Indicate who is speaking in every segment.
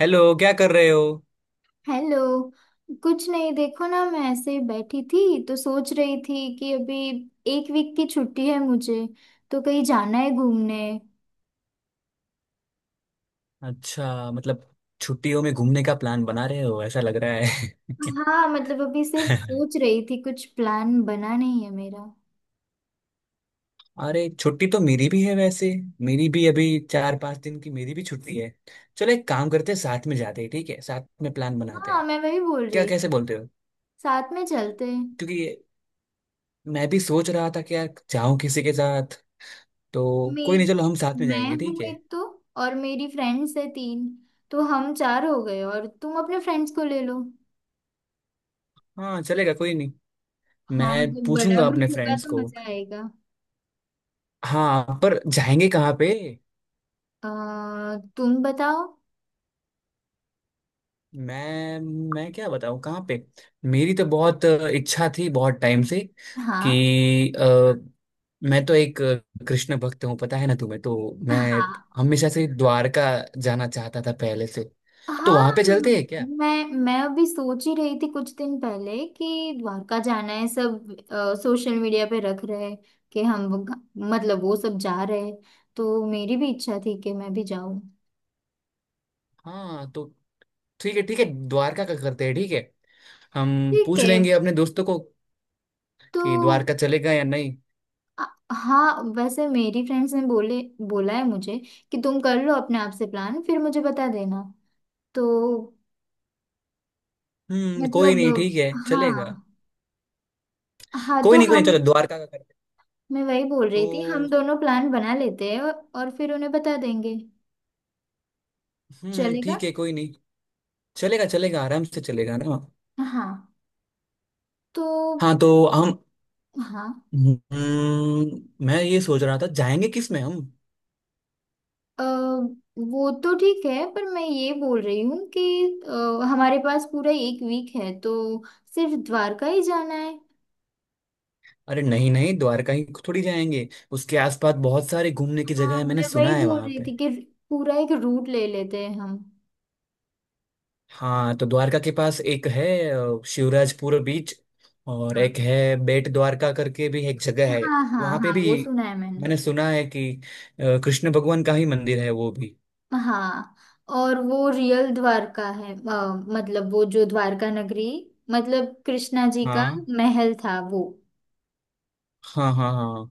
Speaker 1: Hello, क्या कर रहे हो?
Speaker 2: हेलो। कुछ नहीं, देखो ना, मैं ऐसे ही बैठी थी तो सोच रही थी कि अभी एक वीक की छुट्टी है मुझे, तो कहीं जाना है घूमने।
Speaker 1: अच्छा, मतलब छुट्टियों में घूमने का प्लान बना रहे हो, ऐसा लग रहा है।
Speaker 2: हाँ, मतलब अभी सिर्फ सोच रही थी, कुछ प्लान बना नहीं है मेरा।
Speaker 1: अरे, छुट्टी तो मेरी भी है वैसे। मेरी भी अभी 4 5 दिन की मेरी भी छुट्टी है। चलो एक काम करते हैं, साथ में जाते हैं, ठीक है, साथ में प्लान बनाते
Speaker 2: हाँ,
Speaker 1: हैं।
Speaker 2: मैं वही बोल
Speaker 1: क्या
Speaker 2: रही
Speaker 1: कैसे
Speaker 2: थी,
Speaker 1: बोलते हो?
Speaker 2: साथ में चलते हैं।
Speaker 1: क्योंकि मैं भी सोच रहा था कि यार, जाऊं किसी के साथ, तो। कोई
Speaker 2: मैं
Speaker 1: नहीं, चलो हम साथ में
Speaker 2: मैं
Speaker 1: जाएंगे, ठीक
Speaker 2: हूँ
Speaker 1: है।
Speaker 2: एक तो, और मेरी फ्रेंड्स है तीन, तो हम चार हो गए और तुम अपने फ्रेंड्स को ले लो।
Speaker 1: हाँ चलेगा, कोई नहीं।
Speaker 2: हाँ,
Speaker 1: मैं
Speaker 2: मतलब बड़ा
Speaker 1: पूछूंगा
Speaker 2: ग्रुप
Speaker 1: अपने
Speaker 2: होगा
Speaker 1: फ्रेंड्स
Speaker 2: तो
Speaker 1: को।
Speaker 2: मजा आएगा।
Speaker 1: हाँ, पर जाएंगे कहाँ पे?
Speaker 2: अ, तुम बताओ।
Speaker 1: मैं मैं क्या बताऊं कहाँ पे। मेरी तो बहुत इच्छा थी बहुत टाइम से।
Speaker 2: हाँ
Speaker 1: कि मैं तो एक कृष्ण भक्त हूँ, पता है ना तुम्हें तो। मैं
Speaker 2: हाँ
Speaker 1: हमेशा से द्वारका जाना चाहता था पहले से। तो
Speaker 2: हाँ,
Speaker 1: वहां पे चलते हैं क्या?
Speaker 2: मैं अभी सोच ही रही थी कुछ दिन पहले कि द्वारका जाना है, सब सोशल मीडिया पे रख रहे हैं कि हम वो मतलब वो सब जा रहे हैं, तो मेरी भी इच्छा थी कि मैं भी जाऊं।
Speaker 1: हाँ तो ठीक है ठीक है, द्वारका का करते हैं, ठीक है। हम
Speaker 2: ठीक
Speaker 1: पूछ
Speaker 2: है।
Speaker 1: लेंगे अपने दोस्तों को
Speaker 2: तो
Speaker 1: कि द्वारका चलेगा या नहीं।
Speaker 2: अ, हाँ, वैसे मेरी फ्रेंड्स ने बोले, बोला है मुझे कि तुम कर लो अपने आप से प्लान फिर मुझे बता देना। तो
Speaker 1: हम्म, कोई
Speaker 2: मतलब
Speaker 1: नहीं, ठीक है, चलेगा।
Speaker 2: हाँ। हाँ
Speaker 1: कोई
Speaker 2: तो
Speaker 1: नहीं कोई नहीं,
Speaker 2: हम,
Speaker 1: चलो द्वारका का करते हैं।
Speaker 2: मैं वही बोल
Speaker 1: तो
Speaker 2: रही थी, हम दोनों प्लान बना लेते हैं और फिर उन्हें बता देंगे। चलेगा।
Speaker 1: ठीक है, कोई नहीं। चलेगा चलेगा, आराम से चलेगा ना।
Speaker 2: हाँ तो।
Speaker 1: हाँ तो हम,
Speaker 2: हाँ,
Speaker 1: मैं ये सोच रहा था, जाएंगे किस में हम।
Speaker 2: अ, वो तो ठीक है, पर मैं ये बोल रही हूँ कि हमारे पास पूरा एक वीक है, तो सिर्फ द्वारका ही जाना है?
Speaker 1: अरे नहीं नहीं, द्वारका ही थोड़ी जाएंगे, उसके आसपास बहुत सारे घूमने की जगह
Speaker 2: हाँ,
Speaker 1: है, मैंने
Speaker 2: मैं वही
Speaker 1: सुना है
Speaker 2: बोल
Speaker 1: वहाँ
Speaker 2: रही
Speaker 1: पे।
Speaker 2: थी कि पूरा एक रूट ले लेते हैं हम।
Speaker 1: हाँ तो द्वारका के पास एक है शिवराजपुर बीच। और एक
Speaker 2: हाँ
Speaker 1: है बेट द्वारका करके भी एक जगह है।
Speaker 2: हाँ हाँ
Speaker 1: वहाँ पे
Speaker 2: हाँ,
Speaker 1: भी
Speaker 2: वो सुना है मैंने।
Speaker 1: मैंने सुना है कि कृष्ण भगवान का ही मंदिर है वो भी।
Speaker 2: हाँ, और वो रियल द्वारका है, मतलब वो जो द्वारका नगरी, मतलब कृष्णा जी का
Speaker 1: हाँ
Speaker 2: महल था वो।
Speaker 1: हाँ हाँ हाँ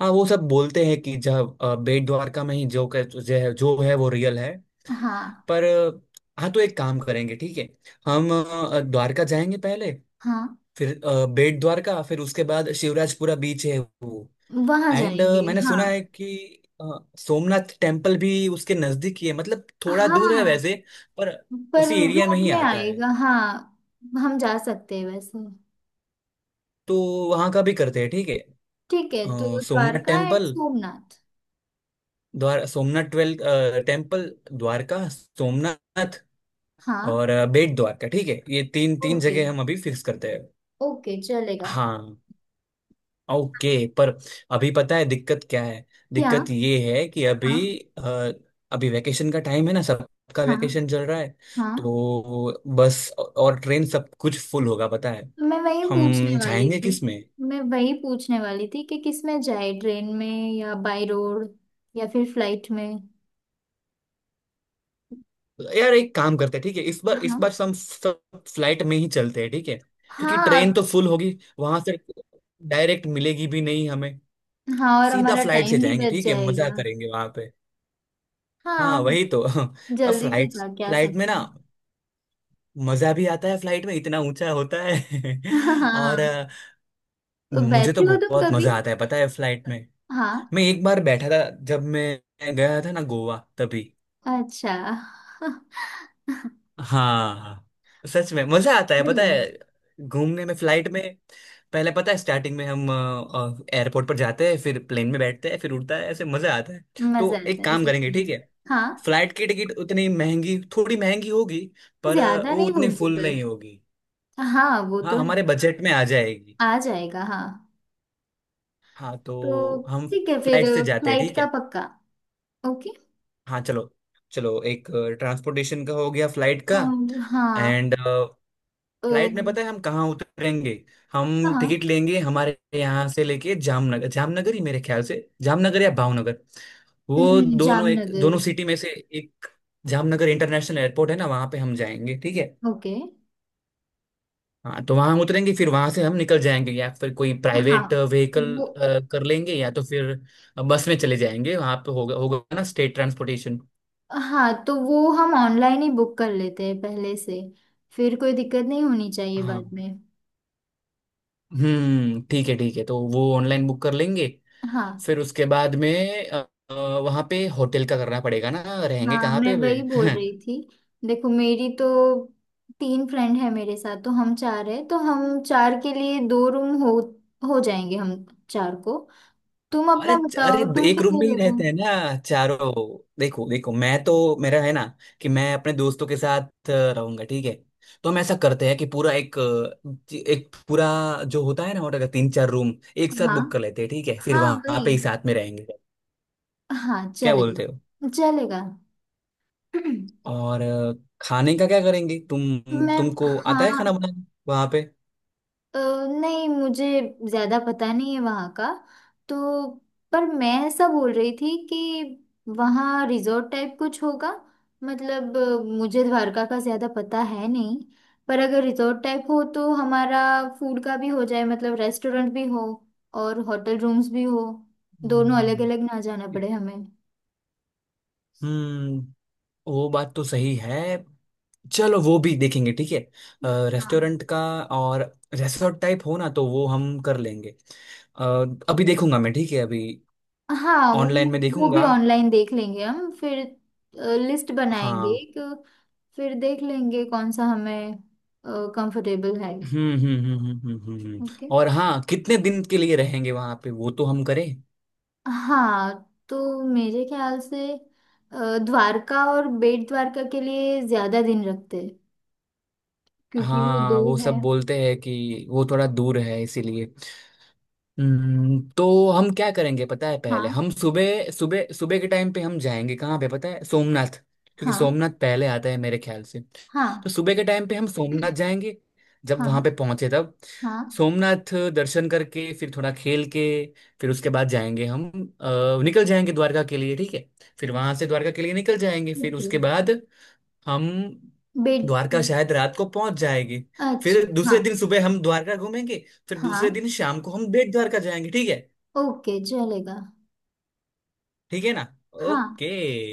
Speaker 1: हाँ, वो सब बोलते हैं कि जब बेट द्वारका में ही जो है वो रियल है,
Speaker 2: हाँ
Speaker 1: पर। हाँ तो एक काम करेंगे, ठीक है। हम द्वारका जाएंगे पहले।
Speaker 2: हाँ,
Speaker 1: फिर बेट द्वारका, फिर उसके बाद शिवराजपुरा बीच है वो।
Speaker 2: वहां
Speaker 1: एंड
Speaker 2: जाएंगे।
Speaker 1: मैंने
Speaker 2: हाँ
Speaker 1: सुना है कि अ, सोमनाथ टेम्पल भी उसके नजदीक ही है, मतलब थोड़ा दूर है
Speaker 2: हाँ,
Speaker 1: वैसे, पर
Speaker 2: पर
Speaker 1: उसी एरिया में
Speaker 2: रूट
Speaker 1: ही
Speaker 2: में
Speaker 1: आता है।
Speaker 2: आएगा, हाँ हम जा सकते हैं वैसे।
Speaker 1: तो वहाँ का भी करते हैं, ठीक है।
Speaker 2: ठीक है, तो
Speaker 1: सोमनाथ
Speaker 2: द्वारका एंड
Speaker 1: टेम्पल,
Speaker 2: सोमनाथ।
Speaker 1: द्वार सोमनाथ ट्वेल्थ टेम्पल, द्वारका सोमनाथ
Speaker 2: हाँ।
Speaker 1: और बेट द्वारका, ठीक है, ये तीन तीन
Speaker 2: ओके,
Speaker 1: जगह हम अभी फिक्स करते हैं।
Speaker 2: ओके चलेगा।
Speaker 1: हाँ, ओके। पर अभी पता है दिक्कत क्या है?
Speaker 2: क्या?
Speaker 1: दिक्कत ये है कि अभी
Speaker 2: हाँ
Speaker 1: अ, अभी वैकेशन का टाइम है ना, सबका
Speaker 2: हाँ
Speaker 1: वैकेशन चल रहा है।
Speaker 2: हाँ,
Speaker 1: तो बस और ट्रेन सब कुछ फुल होगा, पता है।
Speaker 2: मैं वही
Speaker 1: हम
Speaker 2: पूछने वाली
Speaker 1: जाएंगे
Speaker 2: थी।
Speaker 1: किस में?
Speaker 2: मैं वही पूछने वाली थी कि किस में जाए, ट्रेन में या बाय रोड, या फिर फ्लाइट में?
Speaker 1: यार एक काम करते हैं, ठीक है, इस बार इस
Speaker 2: हाँ।
Speaker 1: बार हम सब फ्लाइट में ही चलते हैं, ठीक है, क्योंकि
Speaker 2: हाँ,
Speaker 1: ट्रेन
Speaker 2: और
Speaker 1: तो फुल होगी वहां से, डायरेक्ट मिलेगी भी नहीं हमें।
Speaker 2: हाँ, और
Speaker 1: सीधा
Speaker 2: हमारा
Speaker 1: फ्लाइट से
Speaker 2: टाइम भी
Speaker 1: जाएंगे,
Speaker 2: बच
Speaker 1: ठीक है, मजा
Speaker 2: जाएगा।
Speaker 1: करेंगे वहां पे।
Speaker 2: हाँ,
Speaker 1: हाँ
Speaker 2: हम
Speaker 1: वही तो।
Speaker 2: जल्दी से
Speaker 1: फ्लाइट
Speaker 2: जाके आ
Speaker 1: फ्लाइट में
Speaker 2: सकते
Speaker 1: ना,
Speaker 2: हैं।
Speaker 1: मजा भी आता है फ्लाइट में, इतना ऊंचा होता है। और
Speaker 2: हाँ, तो
Speaker 1: मुझे तो
Speaker 2: बैठे हो तुम
Speaker 1: बहुत
Speaker 2: कभी?
Speaker 1: मजा आता है, पता है, फ्लाइट में।
Speaker 2: हाँ।
Speaker 1: मैं एक बार बैठा था, जब मैं गया था ना गोवा, तभी।
Speaker 2: अच्छा।
Speaker 1: हाँ, सच में मजा आता है, पता
Speaker 2: बढ़िया।
Speaker 1: है, घूमने में फ्लाइट में। पहले पता है, स्टार्टिंग में हम एयरपोर्ट पर जाते हैं, फिर प्लेन में बैठते हैं, फिर उड़ता है, ऐसे मजा आता है।
Speaker 2: मजा
Speaker 1: तो एक
Speaker 2: आता है
Speaker 1: काम
Speaker 2: सच
Speaker 1: करेंगे,
Speaker 2: में।
Speaker 1: ठीक है,
Speaker 2: हाँ,
Speaker 1: फ्लाइट की टिकट उतनी महंगी थोड़ी महंगी होगी, पर
Speaker 2: ज्यादा
Speaker 1: वो
Speaker 2: नहीं
Speaker 1: उतनी
Speaker 2: होगी
Speaker 1: फुल
Speaker 2: पर।
Speaker 1: नहीं होगी।
Speaker 2: हाँ, वो
Speaker 1: हाँ,
Speaker 2: तो है।
Speaker 1: हमारे बजट में आ जाएगी।
Speaker 2: आ जाएगा हाँ।
Speaker 1: हाँ
Speaker 2: तो
Speaker 1: तो हम
Speaker 2: ठीक है फिर।
Speaker 1: फ्लाइट से जाते हैं,
Speaker 2: फ्लाइट
Speaker 1: ठीक
Speaker 2: का
Speaker 1: है।
Speaker 2: पक्का। ओके।
Speaker 1: हाँ चलो, चलो एक ट्रांसपोर्टेशन का हो गया, फ्लाइट का।
Speaker 2: और हाँ।
Speaker 1: एंड
Speaker 2: अ,
Speaker 1: फ्लाइट में पता है हम कहाँ उतरेंगे? हम
Speaker 2: हाँ।
Speaker 1: टिकट लेंगे हमारे यहाँ से लेके जामनगर, जामनगर ही मेरे ख्याल से। जामनगर या भावनगर, वो
Speaker 2: नहीं,
Speaker 1: दोनों, एक दोनों
Speaker 2: जामनगर।
Speaker 1: सिटी में से एक। जामनगर इंटरनेशनल एयरपोर्ट है ना, वहाँ पे हम जाएंगे, ठीक है।
Speaker 2: ओके।
Speaker 1: हाँ तो वहां हम उतरेंगे, फिर वहां से हम निकल जाएंगे या फिर कोई
Speaker 2: हाँ
Speaker 1: प्राइवेट व्हीकल
Speaker 2: वो।
Speaker 1: कर लेंगे, या तो फिर बस में चले जाएंगे, वहां पे होगा होगा ना, स्टेट ट्रांसपोर्टेशन।
Speaker 2: हाँ, तो वो हम ऑनलाइन ही बुक कर लेते हैं पहले से, फिर कोई दिक्कत नहीं होनी चाहिए
Speaker 1: हाँ,
Speaker 2: बाद में।
Speaker 1: हम्म, ठीक है ठीक है, तो वो ऑनलाइन बुक कर लेंगे।
Speaker 2: हाँ।
Speaker 1: फिर उसके बाद में वहां पे होटल का करना पड़ेगा ना, रहेंगे
Speaker 2: हाँ,
Speaker 1: कहाँ
Speaker 2: मैं
Speaker 1: पे वे?
Speaker 2: वही बोल रही थी। देखो, मेरी तो तीन फ्रेंड है मेरे साथ, तो हम चार है, तो हम चार के लिए दो रूम हो जाएंगे हम चार को। तुम
Speaker 1: अरे
Speaker 2: अपना
Speaker 1: अरे,
Speaker 2: बताओ, तुम
Speaker 1: एक रूम
Speaker 2: कितने
Speaker 1: में ही
Speaker 2: लोग हो?
Speaker 1: रहते हैं ना चारों। देखो देखो, मैं तो, मेरा है ना कि मैं अपने दोस्तों के साथ रहूंगा, ठीक है। तो हम ऐसा करते हैं कि पूरा एक पूरा जो होता है ना होटल का, तीन चार रूम एक साथ
Speaker 2: हाँ।
Speaker 1: बुक कर लेते हैं, ठीक है, फिर
Speaker 2: हाँ
Speaker 1: वहां
Speaker 2: वही।
Speaker 1: पे ही साथ में रहेंगे।
Speaker 2: हाँ,
Speaker 1: क्या बोलते हो?
Speaker 2: चलेगा चलेगा।
Speaker 1: और खाने का क्या करेंगे, तुम
Speaker 2: मैं,
Speaker 1: तुमको आता है
Speaker 2: हाँ,
Speaker 1: खाना बनाना वहां पे?
Speaker 2: अ, नहीं, मुझे ज्यादा पता नहीं है वहाँ का, तो। पर मैं ऐसा बोल रही थी कि वहाँ रिजॉर्ट टाइप कुछ होगा, मतलब मुझे द्वारका का ज्यादा पता है नहीं, पर अगर रिजॉर्ट टाइप हो तो हमारा फूड का भी हो जाए, मतलब रेस्टोरेंट भी हो और होटल रूम्स भी हो, दोनों अलग
Speaker 1: हम्म,
Speaker 2: अलग ना जाना पड़े हमें।
Speaker 1: हम्म, वो बात तो सही है। चलो वो भी देखेंगे, ठीक है,
Speaker 2: हाँ।
Speaker 1: रेस्टोरेंट का। और रिसोर्ट टाइप हो ना तो वो हम कर लेंगे। अ, अभी देखूंगा मैं, ठीक है, अभी
Speaker 2: हाँ वो
Speaker 1: ऑनलाइन में
Speaker 2: वो भी
Speaker 1: देखूंगा।
Speaker 2: ऑनलाइन देख लेंगे हम, फिर लिस्ट बनाएंगे
Speaker 1: हाँ,
Speaker 2: एक, फिर देख लेंगे कौन सा हमें कंफर्टेबल है।
Speaker 1: हम्म हम्म हम्म हम्म हम्म हम्म, हम्म।
Speaker 2: ओके।
Speaker 1: और हाँ, कितने दिन के लिए रहेंगे वहां पे, वो तो हम करें।
Speaker 2: हाँ, तो मेरे ख्याल से द्वारका और बेट द्वारका के लिए ज्यादा दिन रखते हैं, क्योंकि वो दो
Speaker 1: हाँ वो
Speaker 2: है।
Speaker 1: सब बोलते हैं कि वो थोड़ा दूर है इसीलिए। तो हम क्या करेंगे पता है, पहले
Speaker 2: हाँ
Speaker 1: हम सुबह सुबह सुबह के टाइम पे हम जाएंगे कहाँ पे पता है, सोमनाथ। क्योंकि
Speaker 2: हाँ
Speaker 1: सोमनाथ पहले आता है मेरे ख्याल से। तो
Speaker 2: हाँ
Speaker 1: सुबह के टाइम पे हम सोमनाथ जाएंगे, जब वहां पे
Speaker 2: हाँ।
Speaker 1: पहुंचे तब।
Speaker 2: हाँ।
Speaker 1: सोमनाथ दर्शन करके, फिर थोड़ा खेल के, फिर उसके बाद जाएंगे हम, निकल जाएंगे द्वारका के लिए, ठीक है। फिर वहां से द्वारका के लिए निकल जाएंगे, फिर
Speaker 2: ओके।
Speaker 1: उसके बाद हम
Speaker 2: बेट।
Speaker 1: द्वारका शायद रात को पहुंच जाएंगे।
Speaker 2: अच्छा
Speaker 1: फिर
Speaker 2: हाँ।
Speaker 1: दूसरे दिन सुबह हम द्वारका घूमेंगे। फिर दूसरे
Speaker 2: हाँ,
Speaker 1: दिन शाम को हम बेट द्वारका जाएंगे, ठीक है।
Speaker 2: ओके चलेगा।
Speaker 1: ठीक है ना?
Speaker 2: हाँ,
Speaker 1: ओके।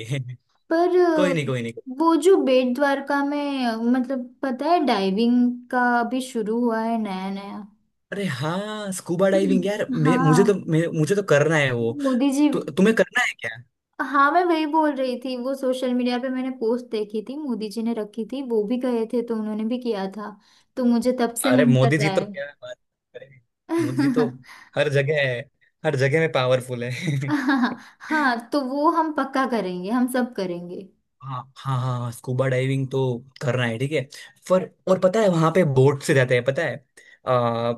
Speaker 2: पर
Speaker 1: कोई नहीं कोई नहीं।
Speaker 2: वो जो बेट द्वारका में, मतलब पता है डाइविंग का अभी शुरू हुआ है नया नया।
Speaker 1: अरे हाँ, स्कूबा डाइविंग यार,
Speaker 2: हाँ।
Speaker 1: मुझे तो करना है वो।
Speaker 2: मोदी जी।
Speaker 1: तुम्हें करना है क्या?
Speaker 2: हाँ, मैं वही बोल रही थी, वो सोशल मीडिया पे मैंने पोस्ट देखी थी, मोदी जी ने रखी थी, वो भी गए थे तो उन्होंने भी किया था, तो मुझे तब से
Speaker 1: अरे
Speaker 2: मन कर
Speaker 1: मोदी जी
Speaker 2: रहा
Speaker 1: तो
Speaker 2: है।
Speaker 1: क्या बात करें। मोदी जी तो हर जगह है, हर जगह में पावरफुल है।
Speaker 2: हाँ हाँ, तो वो हम पक्का करेंगे, हम सब करेंगे।
Speaker 1: हाँ हाँ हाँ हाँ, स्कूबा डाइविंग तो करना है, ठीक है। पर और पता है वहां पे बोट से जाते हैं, पता है? आ,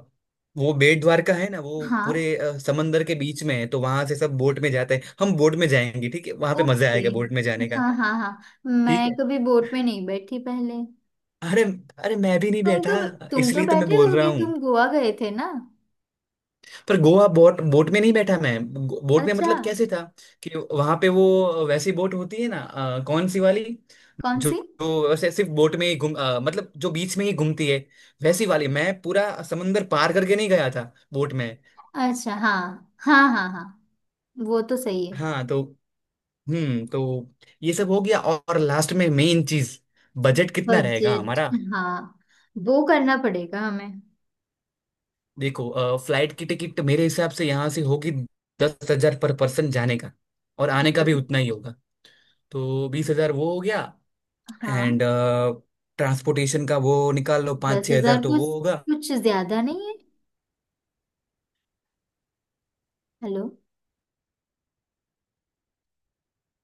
Speaker 1: वो बेट द्वारका है ना वो
Speaker 2: हाँ।
Speaker 1: पूरे समंदर के बीच में है, तो वहां से सब बोट में जाते हैं, हम बोट में जाएंगे, ठीक है, वहां पे मजा
Speaker 2: ओके।
Speaker 1: आएगा बोट में जाने का।
Speaker 2: हाँ हाँ हाँ,
Speaker 1: ठीक
Speaker 2: मैं
Speaker 1: है।
Speaker 2: कभी बोट में नहीं बैठी पहले।
Speaker 1: अरे अरे, मैं भी नहीं
Speaker 2: तुम
Speaker 1: बैठा
Speaker 2: तो तुम तो
Speaker 1: इसलिए तो मैं
Speaker 2: बैठे
Speaker 1: बोल रहा।
Speaker 2: होगे, तुम गोवा गए थे ना?
Speaker 1: पर गोवा, बोट बोट में नहीं बैठा मैं। बोट में
Speaker 2: अच्छा।
Speaker 1: मतलब कैसे था, कि वहां पे वो वैसी बोट होती है ना, कौन सी वाली,
Speaker 2: कौन
Speaker 1: जो
Speaker 2: सी?
Speaker 1: जो वैसे सिर्फ बोट में ही घूम, मतलब जो बीच में ही घूमती है। वैसी वाली, मैं पूरा समंदर पार करके नहीं गया था बोट में।
Speaker 2: अच्छा हाँ हाँ हाँ हाँ, वो तो सही है।
Speaker 1: हाँ तो, तो ये सब हो गया, और लास्ट में मेन चीज, बजट कितना रहेगा
Speaker 2: बजट।
Speaker 1: हमारा?
Speaker 2: हाँ, वो करना पड़ेगा हमें।
Speaker 1: देखो फ्लाइट की टिकट मेरे हिसाब से यहाँ से होगी 10 हजार पर पर्सन जाने का, और आने का भी उतना ही होगा, तो 20 हजार वो हो गया। एंड
Speaker 2: हाँ।
Speaker 1: ट्रांसपोर्टेशन का वो निकाल लो, पाँच
Speaker 2: दस
Speaker 1: छः हजार
Speaker 2: हजार
Speaker 1: तो
Speaker 2: कुछ
Speaker 1: वो होगा।
Speaker 2: कुछ ज्यादा नहीं है। हेलो।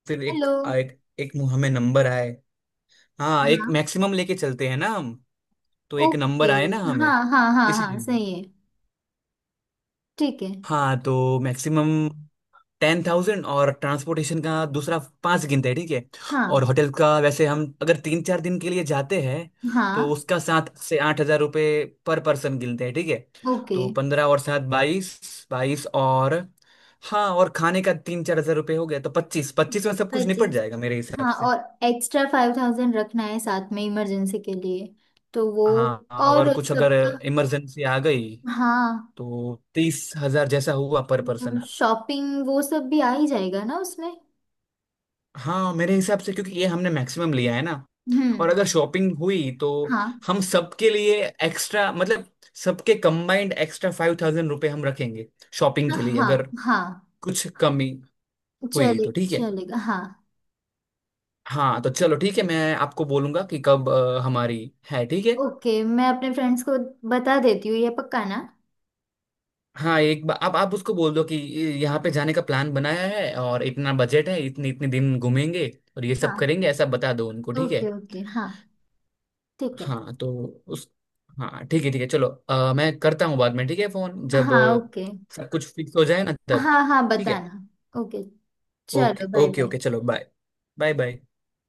Speaker 1: फिर एक
Speaker 2: हेलो।
Speaker 1: एक एक मुँह हमें नंबर आए। हाँ, एक
Speaker 2: हाँ।
Speaker 1: मैक्सिमम लेके चलते हैं ना हम। तो एक
Speaker 2: ओके।
Speaker 1: नंबर आए ना
Speaker 2: हाँ
Speaker 1: हमें,
Speaker 2: हाँ हाँ हाँ,
Speaker 1: इसीलिए।
Speaker 2: सही है। ठीक है।
Speaker 1: हाँ तो मैक्सिमम 10,000 और ट्रांसपोर्टेशन का दूसरा पाँच गिनते हैं, ठीक है। और
Speaker 2: हाँ
Speaker 1: होटल का वैसे हम अगर 3 4 दिन के लिए जाते हैं तो
Speaker 2: हाँ।
Speaker 1: उसका 7 से 8 हजार रुपये पर पर्सन गिनते हैं, ठीक है।
Speaker 2: ओके।
Speaker 1: तो 15 और 7, 22, 22 और, हाँ, और खाने का 3 4 हजार रुपये हो गया, तो 25, 25 में सब कुछ निपट
Speaker 2: 25।
Speaker 1: जाएगा मेरे हिसाब
Speaker 2: हाँ,
Speaker 1: से।
Speaker 2: और एक्स्ट्रा 5,000 रखना है साथ में, इमरजेंसी के लिए। तो वो।
Speaker 1: हाँ,
Speaker 2: और
Speaker 1: अगर
Speaker 2: सबका।
Speaker 1: इमरजेंसी आ गई
Speaker 2: हाँ।
Speaker 1: तो 30 हजार जैसा हुआ पर पर्सन।
Speaker 2: शॉपिंग वो सब भी आ ही जाएगा ना उसमें।
Speaker 1: हाँ मेरे हिसाब से, क्योंकि ये हमने मैक्सिमम लिया है ना।
Speaker 2: हम्म।
Speaker 1: और अगर शॉपिंग हुई तो
Speaker 2: हाँ
Speaker 1: हम सबके लिए एक्स्ट्रा, मतलब सबके कंबाइंड एक्स्ट्रा 5,000 रुपये हम रखेंगे शॉपिंग के लिए, अगर
Speaker 2: हाँ हाँ,
Speaker 1: कुछ कमी हुई
Speaker 2: चले
Speaker 1: तो, ठीक है।
Speaker 2: चलेगा हाँ।
Speaker 1: हाँ तो चलो ठीक है, मैं आपको बोलूंगा कि कब हमारी है, ठीक है।
Speaker 2: ओके, मैं अपने फ्रेंड्स को बता देती हूँ, ये पक्का ना?
Speaker 1: हाँ, एक बार आप उसको बोल दो कि यहाँ पे जाने का प्लान बनाया है और इतना बजट है, इतने इतने दिन घूमेंगे और ये सब
Speaker 2: हाँ,
Speaker 1: करेंगे, ऐसा बता दो उनको, ठीक है।
Speaker 2: ओके ओके हाँ, ठीक है।
Speaker 1: हाँ तो उस, हाँ ठीक है ठीक है, चलो मैं करता हूँ बाद में ठीक है फोन, जब
Speaker 2: हाँ ओके।
Speaker 1: सब कुछ फिक्स हो जाए ना तब,
Speaker 2: हाँ हाँ,
Speaker 1: ठीक है।
Speaker 2: बताना। ओके। चलो,
Speaker 1: okay
Speaker 2: bye
Speaker 1: okay
Speaker 2: bye.
Speaker 1: Okay, चलो बाय बाय बाय।